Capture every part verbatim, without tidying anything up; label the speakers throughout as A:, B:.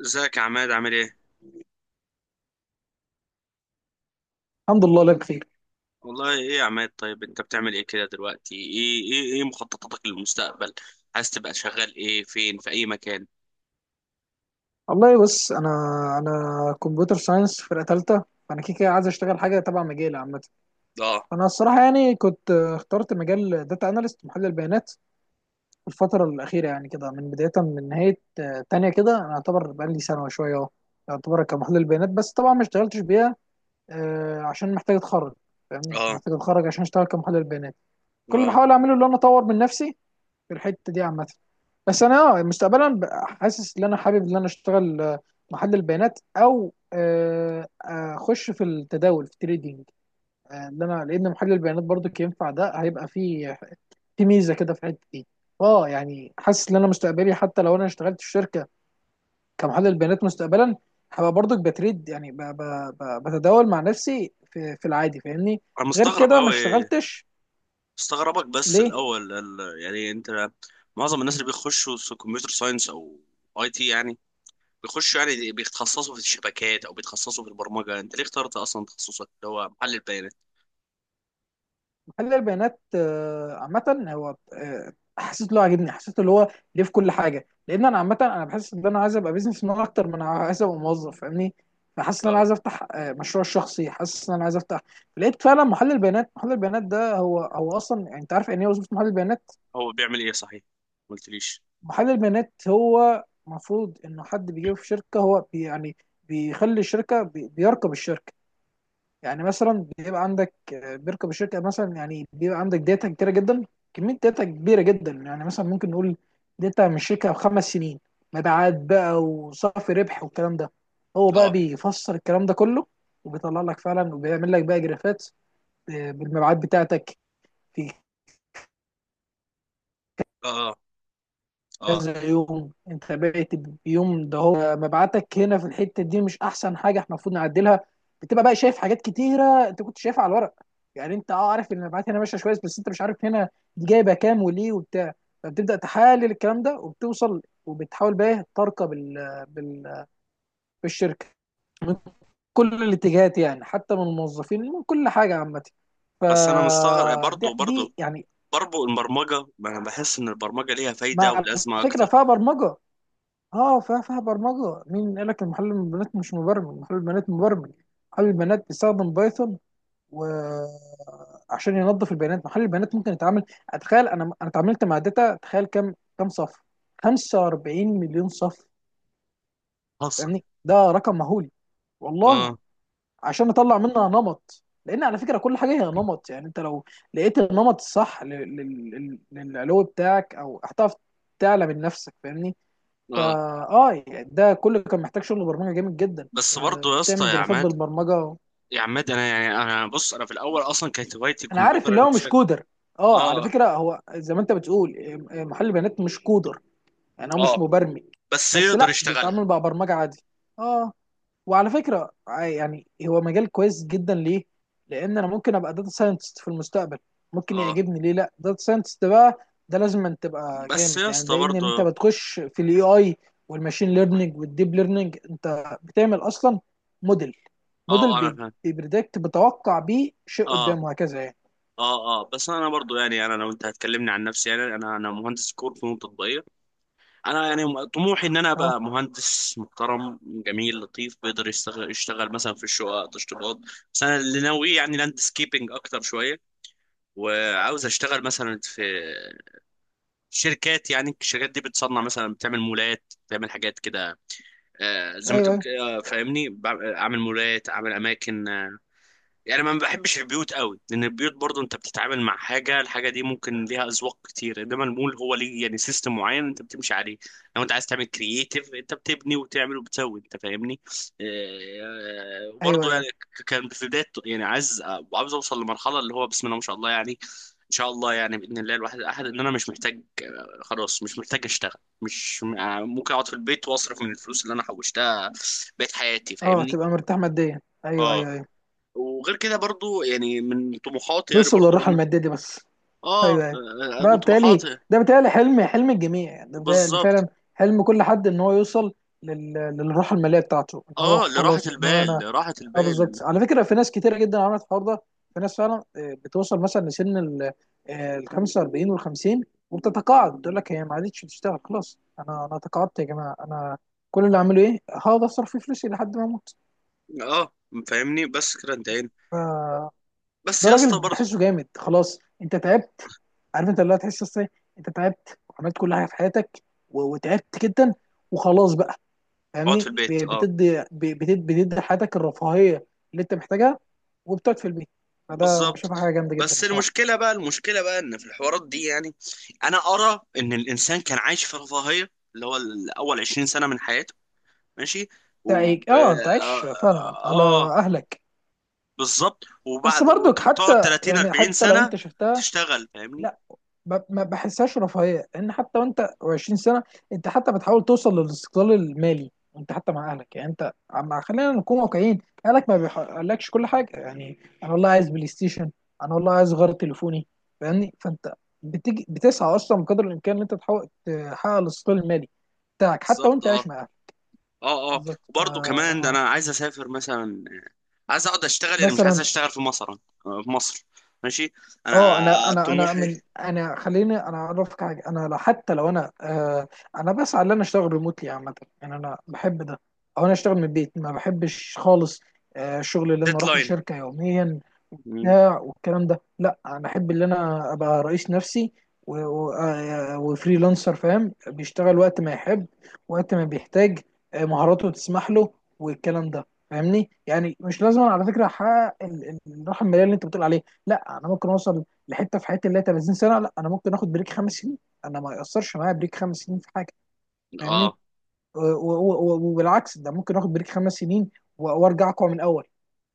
A: ازيك يا عماد، عامل ايه؟
B: الحمد لله لا بخير.
A: والله ايه يا عماد، طيب انت بتعمل ايه كده دلوقتي؟ ايه ايه ايه مخططاتك للمستقبل؟ عايز تبقى شغال ايه، فين، في اي مكان؟
B: والله بص انا انا كمبيوتر ساينس فرقه ثالثه، فانا كده كده عايز اشتغل حاجه تبع مجالي عامه.
A: اه
B: فانا الصراحه يعني كنت آه، اخترت مجال داتا اناليست، محلل بيانات في الفتره الاخيره. يعني كده من بدايه من نهايه آه، تانية كده انا اعتبر بقالي سنه وشويه اهو اعتبر كمحلل بيانات، بس طبعا ما اشتغلتش بيها آه، عشان محتاج اتخرج. فاهمني،
A: اه
B: محتاج اتخرج عشان اشتغل كمحلل بيانات. كل اللي
A: اه.
B: بحاول اعمله ان انا اطور من نفسي في الحته دي عامه. بس انا اه مستقبلا ب- حاسس ان انا حابب ان انا اشتغل آه، محلل البيانات او آه، آه، اخش في التداول في التريدينج. آه، ان انا لان محلل البيانات برضو ينفع، ده هيبقى فيه في ميزه كده في الحته دي. اه يعني حاسس ان انا مستقبلي حتى لو انا اشتغلت في شركه كمحلل بيانات مستقبلا هبقى برضو بتريد. يعني ب- ب- ب- بتداول مع نفسي في في العادي فاهمني.
A: انا
B: غير
A: مستغرب
B: كده ما
A: قوي.
B: اشتغلتش.
A: مستغربك، بس
B: ليه
A: الاول ال- يعني انت، معظم الناس اللي بيخشوا س- كمبيوتر ساينس او اي تي يعني، بيخشوا يعني بيتخصصوا في الشبكات او بيتخصصوا في البرمجة، انت ليه اخترت اصلا تخصصك اللي هو محلل بيانات؟
B: محلل البيانات آه، عامة هو آه، حسيت له عاجبني، حسيت اللي هو ليه في كل حاجة. لأن أنا عامة أنا بحس إن أنا عايز أبقى بيزنس مان أكتر من أنا عايز أبقى موظف، فاهمني. فحاسس إن أنا
A: اه.
B: عايز أفتح آه، مشروع شخصي، حاسس إن أنا عايز أفتح. لقيت فعلا محلل البيانات، محلل البيانات ده هو هو أصلا يعني أنت عارف يعني إيه وظيفة محلل البيانات؟
A: هو بيعمل ايه صحيح؟ ما قلتليش.
B: محلل البيانات هو المفروض إنه حد بيجيبه في شركة. هو بي يعني بيخلي الشركة بي- بيراقب الشركة. يعني مثلا بيبقى عندك آه، بيركب الشركه. مثلا يعني بيبقى عندك داتا كتيره جدا، كميه داتا كبيره جدا. يعني مثلا ممكن نقول داتا من الشركه بخمس سنين، مبيعات بقى وصافي ربح والكلام ده. هو بقى
A: اه
B: بيفسر الكلام ده كله وبيطلع لك فعلا وبيعمل لك بقى جرافات آه، بالمبيعات بتاعتك في
A: اه اه.
B: كذا يوم. انت بقيت بيوم ده هو مبعتك، هنا في الحته دي مش احسن حاجه احنا المفروض نعدلها. بتبقى بقى شايف حاجات كتيره انت كنت شايفها على الورق. يعني انت اه عارف ان المبيعات هنا ماشيه كويس، بس انت مش عارف هنا دي جايبه كام وليه وبتاع. فبتبدا تحلل الكلام ده وبتوصل وبتحاول بقى إيه ترقى بال... بال... بالشركه من كل الاتجاهات. يعني حتى من الموظفين من كل حاجه عامه. ف
A: بس انا مستغرب
B: دي
A: برضه برضه.
B: دي يعني
A: برضه البرمجة، ما أنا بحس إن البرمجة ليها فايدة
B: مع
A: ولازمة
B: الفكره
A: أكتر.
B: فيها برمجه. اه فيها فيها برمجه. مين قال لك المحلل البيانات مش مبرمج؟ محلل البيانات مبرمج. محلل البيانات بيستخدم بايثون و عشان ينظف البيانات. محلل البيانات ممكن يتعامل. اتخيل، انا انا اتعاملت مع داتا، تخيل كم، كم صف؟ خمسة واربعين مليون صف.
A: حصل.
B: فاهمني، ده رقم مهول، والله.
A: آه
B: عشان نطلع منها نمط، لان على فكره كل حاجه هي نمط. يعني انت لو لقيت النمط الصح لل- لل- لل- للعلو بتاعك، او هتعرف تعلى من نفسك فاهمني. فا
A: آه.
B: اه يعني ده كله كان محتاج شغل برمجه جامد جدا.
A: بس
B: آه،
A: برضه يا اسطى
B: بتعمل
A: يا
B: جرافات
A: عماد،
B: بالبرمجه.
A: يا عماد، أنا يعني أنا بص، أنا في الأول أصلا كانت هوايتي
B: انا عارف
A: الكمبيوتر،
B: اللي
A: أنا
B: هو مش
A: بشكل…
B: كودر. اه على
A: آه آه
B: فكره هو زي ما انت بتقول آه، محل بيانات مش كودر، يعني هو مش
A: آه.
B: مبرمج.
A: بس
B: بس
A: يقدر
B: لا،
A: يشتغلها.
B: بيتعامل مع برمجه عادي. اه، وعلى فكره ع- يعني هو مجال كويس جدا. ليه؟ لان انا ممكن ابقى داتا ساينتست في المستقبل، ممكن
A: آه،
B: يعجبني. ليه لا؟ داتا ساينتست بقى ده لازم أن تبقى
A: بس
B: جامد.
A: يا
B: يعني
A: اسطى
B: ده ان انت
A: برضه.
B: بتخش في الاي اي والماشين ليرنينج والديب ليرنينج. انت بتعمل اصلا موديل، موديل
A: آه آه، أنا
B: بي-
A: فاهم.
B: بيبريدكت، بتوقع بيه شيء
A: آه
B: قدامه هكذا يعني.
A: آه آه، بس أنا برضه يعني، أنا لو أنت هتكلمني عن نفسي، يعني أنا أنا مهندس كور فنون تطبيقية. انا يعني طموحي ان انا
B: اه،
A: ابقى مهندس محترم، جميل، لطيف، بيقدر يشتغل يشتغل مثلا في الشقق تشطيبات. بس انا اللي ناوي يعني لاندسكيبنج اكتر شويه، وعاوز اشتغل مثلا في شركات، يعني الشركات دي بتصنع، مثلا بتعمل مولات، بتعمل حاجات كده. آه، زي ما
B: ايوه
A: تقول
B: ايوه
A: كده، فاهمني، بع- اعمل مولات، اعمل اماكن آه، يعني ما بحبش البيوت قوي، لان البيوت برضو انت بتتعامل مع حاجه، الحاجه دي ممكن ليها اذواق كتير، انما المول هو ليه يعني سيستم معين انت بتمشي عليه. لو انت عايز تعمل كرييتيف، انت بتبني وتعمل وبتسوي، انت فاهمني. آه،
B: ايوه
A: وبرضو يعني
B: ايوه.
A: ك- كان في بدايه يعني عايز، عاوز اوصل لمرحله اللي هو بسم الله ما شاء الله، يعني ان شاء الله، يعني باذن الله الواحد الاحد، ان انا مش محتاج، آه، خلاص مش محتاج اشتغل، مش آه، ممكن اقعد في البيت واصرف من الفلوس اللي انا حوشتها بقيت حياتي،
B: اه
A: فاهمني.
B: تبقى مرتاح ماديا، ايوه
A: اه.
B: ايوه ايوه،
A: وغير كده برضو، يعني من طموحاتي، يعني
B: نوصل
A: برضو
B: للراحه
A: ان،
B: الماديه دي بس.
A: اه،
B: ايوه ايوه.
A: آه،
B: ده
A: من
B: بالتالي
A: طموحاتي.
B: ده بالتالي حلم، حلم الجميع. يعني ده بيتهيألي
A: بالظبط،
B: فعلا حلم كل حد ان هو يوصل لل... للراحه الماليه بتاعته، ان هو
A: اه، لراحة
B: خلاص، ان هو
A: البال،
B: انا.
A: لراحة
B: اه
A: البال.
B: بالظبط. على فكره في ناس كتيره جدا عملت الحوار ده. في ناس فعلا آه، بتوصل مثلا لسن ال آه، ال خمسة واربعين وال خمسين وبتتقاعد. بتقول لك هي ما عادتش بتشتغل، خلاص انا انا تقاعدت يا جماعه، انا كل اللي اعمله ايه، هقعد اصرف فيه فلوسي لحد ما اموت.
A: اه فاهمني، بس كده انتهينا.
B: ف-
A: بس
B: ده
A: يا
B: راجل
A: اسطى برضو.
B: بحسه جامد. خلاص انت تعبت، عارف انت اللي هتحس ازاي، انت تعبت وعملت كل حاجه في حياتك و- وتعبت جدا وخلاص بقى
A: اقعد في
B: فاهمني. ب-
A: البيت، اه.
B: بتدي ب- بتد- بتدي حياتك الرفاهيه اللي انت محتاجها وبتقعد في البيت. فده انا
A: بالظبط.
B: بشوفها حاجه جامده جدا
A: بس
B: الصراحه.
A: المشكلة بقى، المشكلة بقى ان في الحوارات دي يعني، انا ارى ان الانسان كان عايش في رفاهية، اللي هو الاول عشرين سنة من حياته، ماشي،
B: انت
A: و
B: عايش- اه انت عايش
A: اه,
B: فعلا
A: آه
B: على
A: آه،
B: اهلك.
A: بالظبط.
B: بس
A: وبعد،
B: برضك
A: وتقعد
B: حتى،
A: تلاتين
B: يعني
A: اربعين
B: حتى لو
A: سنة
B: انت شفتها
A: تشتغل، فاهمني.
B: لا، ب- ما بحسهاش رفاهيه. لان حتى وانت عشرين سنه انت حتى بتحاول توصل للاستقلال المالي. انت حتى مع اهلك، يعني انت عم خلينا نكون واقعيين، اهلك ما بيحققلكش كل حاجه. يعني انا والله عايز بلاي ستيشن، انا والله عايز غير تليفوني فاهمني. فانت بتيجي بتسعى اصلا بقدر الامكان ان انت تحاول تحقق الاستقلال المالي بتاعك حتى
A: بالظبط،
B: وانت عايش
A: اه
B: مع اهلك.
A: اه اه،
B: بالظبط. فا
A: وبرضه كمان، ده انا
B: اه
A: عايز اسافر مثلا، عايز اقعد اشتغل، يعني مش عايز
B: مثلا،
A: اشتغل في مصر، آه، في مصر، ماشي.
B: اه
A: انا
B: انا انا انا
A: طموحي…
B: من انا خليني انا اعرفك حاجه. انا لو حتى لو انا آه انا بسعى ان انا اشتغل ريموتلي عامه. يعني انا بحب ده، او انا اشتغل من البيت. ما بحبش خالص آه الشغل اللي انا اروح
A: ديدلاين.
B: لشركه يوميا
A: مم.
B: بتاع والكلام ده. لا، انا احب ان انا ابقى رئيس نفسي و- و- آه، وفريلانسر، فاهم، بيشتغل وقت ما يحب، وقت ما بيحتاج آه، مهاراته تسمح له والكلام ده فاهمني. يعني مش لازم على فكره احقق ال- ال- الراحه الماليه اللي انت بتقول عليها. لا، انا ممكن اوصل لحته في حياتي اللي هي تلاتين سنه. لا انا ممكن اخد بريك خمس سنين، انا ما ياثرش معايا بريك خمس سنين في حاجه فاهمني.
A: اه
B: و- و- و- وبالعكس ده، ممكن اخد بريك خمس سنين و- وارجع اقوى من الاول.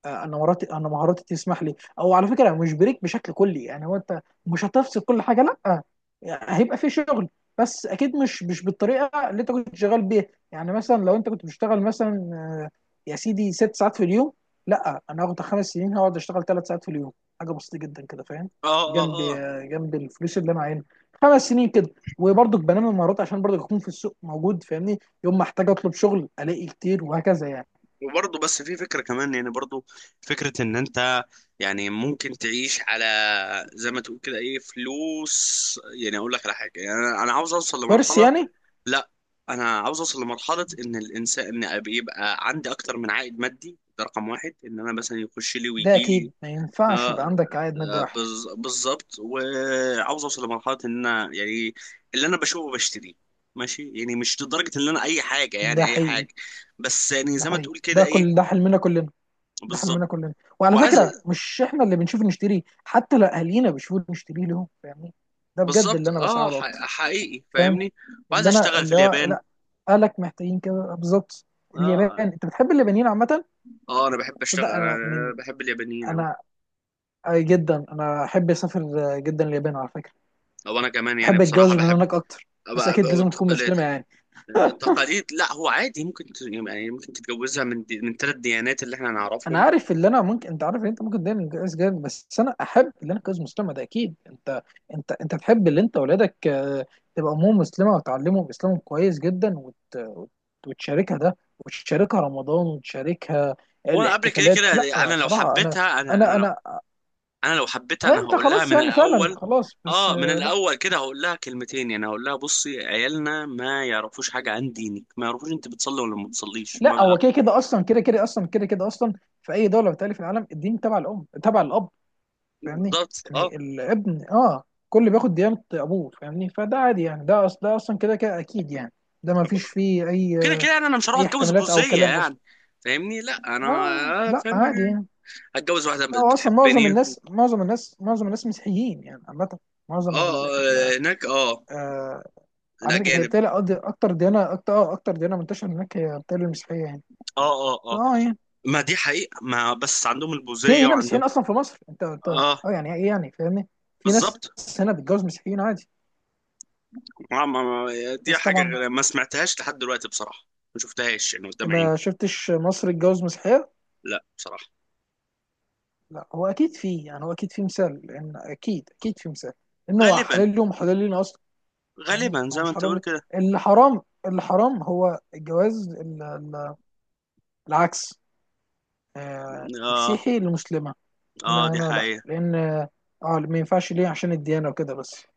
B: آه، انا مهاراتي انا مهاراتي تسمح لي. او على فكره مش بريك بشكل كلي. يعني هو انت مش هتفصل كل حاجه لا، يعني هيبقى في شغل بس اكيد مش مش بالطريقه اللي انت كنت شغال بيها. يعني مثلا لو انت كنت بتشتغل مثلا آه، يا سيدي ست ساعات في اليوم، لا انا هاخد خمس سنين هقعد اشتغل ثلاث ساعات في اليوم، حاجه بسيطه جدا كده فاهم.
A: اه اه
B: جنب
A: آه.
B: آه، جنب الفلوس اللي انا عاينها خمس سنين كده. وبرضك بنمي المهارات عشان برضك اكون في السوق موجود فاهمني، يوم ما احتاج اطلب شغل الاقي كتير وهكذا يعني.
A: وبرضه، بس في فكرة كمان يعني، برضه فكرة ان انت يعني ممكن تعيش على، زي ما تقول كده، ايه، فلوس، يعني اقول لك على حاجة، يعني انا أنا عاوز اوصل
B: ورث
A: لمرحلة،
B: يعني؟
A: لا انا عاوز اوصل لمرحله ان الانسان، ان أبقى- يبقى عندي اكتر من عائد مادي، ده رقم واحد، ان انا مثلا يخش لي
B: ده
A: ويجي لي،
B: اكيد ما ينفعش
A: آه،
B: يبقى عندك عائد مادي
A: آه،
B: واحد.
A: بز- بالظبط. وعاوز اوصل لمرحله ان انا يعني اللي انا بشوفه بشتريه، ماشي، يعني مش لدرجه ان انا اي حاجه،
B: ده
A: يعني اي
B: حقيقي.
A: حاجه. بس يعني
B: ده
A: زي ما
B: حقيقي
A: تقول كده،
B: ده كل
A: إيه،
B: ده حلمنا كلنا. ده
A: بالظبط.
B: حلمنا كلنا وعلى
A: وعايز،
B: فكره مش احنا اللي بنشوف نشتريه، حتى لو اهالينا بيشوفوا نشتريه لهم فاهمني. ده بجد
A: بالظبط،
B: اللي انا
A: اه،
B: بسعى له
A: ح-
B: اكتر.
A: حقيقي،
B: فاهم
A: فاهمني. وعايز
B: اللي انا
A: اشتغل في
B: اللي هو
A: اليابان.
B: لا، اهلك محتاجين كده بالظبط. اليابان
A: اه
B: انت بتحب اليابانيين عامه.
A: اه، انا بحب اشتغل،
B: ده
A: انا
B: انا
A: أنا
B: من
A: بحب اليابانيين اوي.
B: انا آه، جدا انا احب اسافر آه، جدا اليابان على فكره.
A: او انا كمان يعني
B: احب اتجوز
A: بصراحه
B: من
A: بحب أبقى-
B: هناك اكتر، بس
A: أبقى
B: اكيد لازم تكون
A: التقاليد،
B: مسلمه يعني.
A: التقاليد، لا هو عادي، ممكن ت- يعني ممكن تتجوزها من دي، من ثلاث ديانات اللي احنا
B: انا
A: نعرفهم.
B: عارف اللي انا ممكن، انت عارف ان انت ممكن دايما جايز جامد، بس انا احب اللي انا كجوز مسلمه ده اكيد. انت انت انت تحب اللي انت اولادك آه، تبقى امهم مسلمه وتعلمهم اسلامهم كويس جدا وت... وت- وتشاركها ده، وتشاركها رمضان وتشاركها
A: وانا قبل كده
B: الاحتفالات. لا
A: كده، انا لو
B: صراحه انا
A: حبيتها، انا انا
B: انا
A: لو
B: انا
A: انا لو حبيتها
B: آه،
A: انا
B: انت
A: هقول لها
B: خلاص
A: من
B: يعني فعلا
A: الاول.
B: خلاص. بس
A: اه، من
B: آه، لا،
A: الاول كده هقول لها كلمتين، يعني هقول لها بصي، عيالنا ما يعرفوش حاجه عن دينك، ما يعرفوش انت بتصلي ولا ما بتصليش. ما،
B: لا هو كده كده اصلا كده كده اصلا كده كده اصلا في اي دوله بتالي في العالم الدين تبع الام تبع الاب فاهمني.
A: بالظبط، اه.
B: يعني الابن اه كل بياخد ديانة ابوه فاهمني. فده عادي يعني ده أص... ده اصلا كده كده اكيد يعني. ده ما فيش فيه اي
A: كده كده يعني انا مش هروح
B: اي
A: اتجوز
B: احتمالات او
A: بوزية
B: كلام اصلا.
A: يعني. فاهمني، لا انا،
B: اه
A: آه،
B: لا
A: فاهمني
B: عادي يعني.
A: هتجوز واحدة
B: لا هو اصلا معظم
A: بتحبني.
B: الناس معظم الناس معظم الناس مسيحيين يعني عامة. معظم
A: اه،
B: ال ال-
A: آه، هناك، اه،
B: آه، على فكرة هي
A: الاجانب.
B: بتالي اكتر ديانة، اكتر آه اكتر ديانة منتشرة هناك هي بتالي المسيحية يعني.
A: اه اه اه.
B: اه يعني
A: ما دي حقيقة، ما بس عندهم
B: في
A: البوزية،
B: هنا
A: وعندهم.
B: مسيحيين اصلا في مصر. انت انت
A: اه،
B: اه يعني ايه يعني فاهمني. في ناس
A: بالظبط.
B: هنا بتتجوز مسيحيين عادي.
A: ما- ما- ما دي
B: بس
A: حاجة
B: طبعا
A: غ- ما سمعتهاش لحد دلوقتي بصراحة، ما شفتهاش يعني قدام عيني.
B: ما شفتش مصر اتجوز مسيحية؟
A: لا، بصراحة.
B: لا هو أكيد فيه، يعني هو أكيد فيه مثال. لأن أكيد أكيد فيه مثال لأن هو
A: غالبا.
B: حلال لهم وحلال لنا أصلا. يعني
A: غالبا
B: هو
A: زي ما
B: مش
A: انت
B: حرام
A: تقول
B: ليه.
A: كده.
B: اللي حرام اللي حرام هو الجواز ال- ال- العكس، آه،
A: اه
B: مسيحي لمسلمة.
A: اه،
B: هنا
A: دي
B: هنا لا،
A: حقيقة
B: لأن اه ما ينفعش ليه، عشان الديانة وكده بس.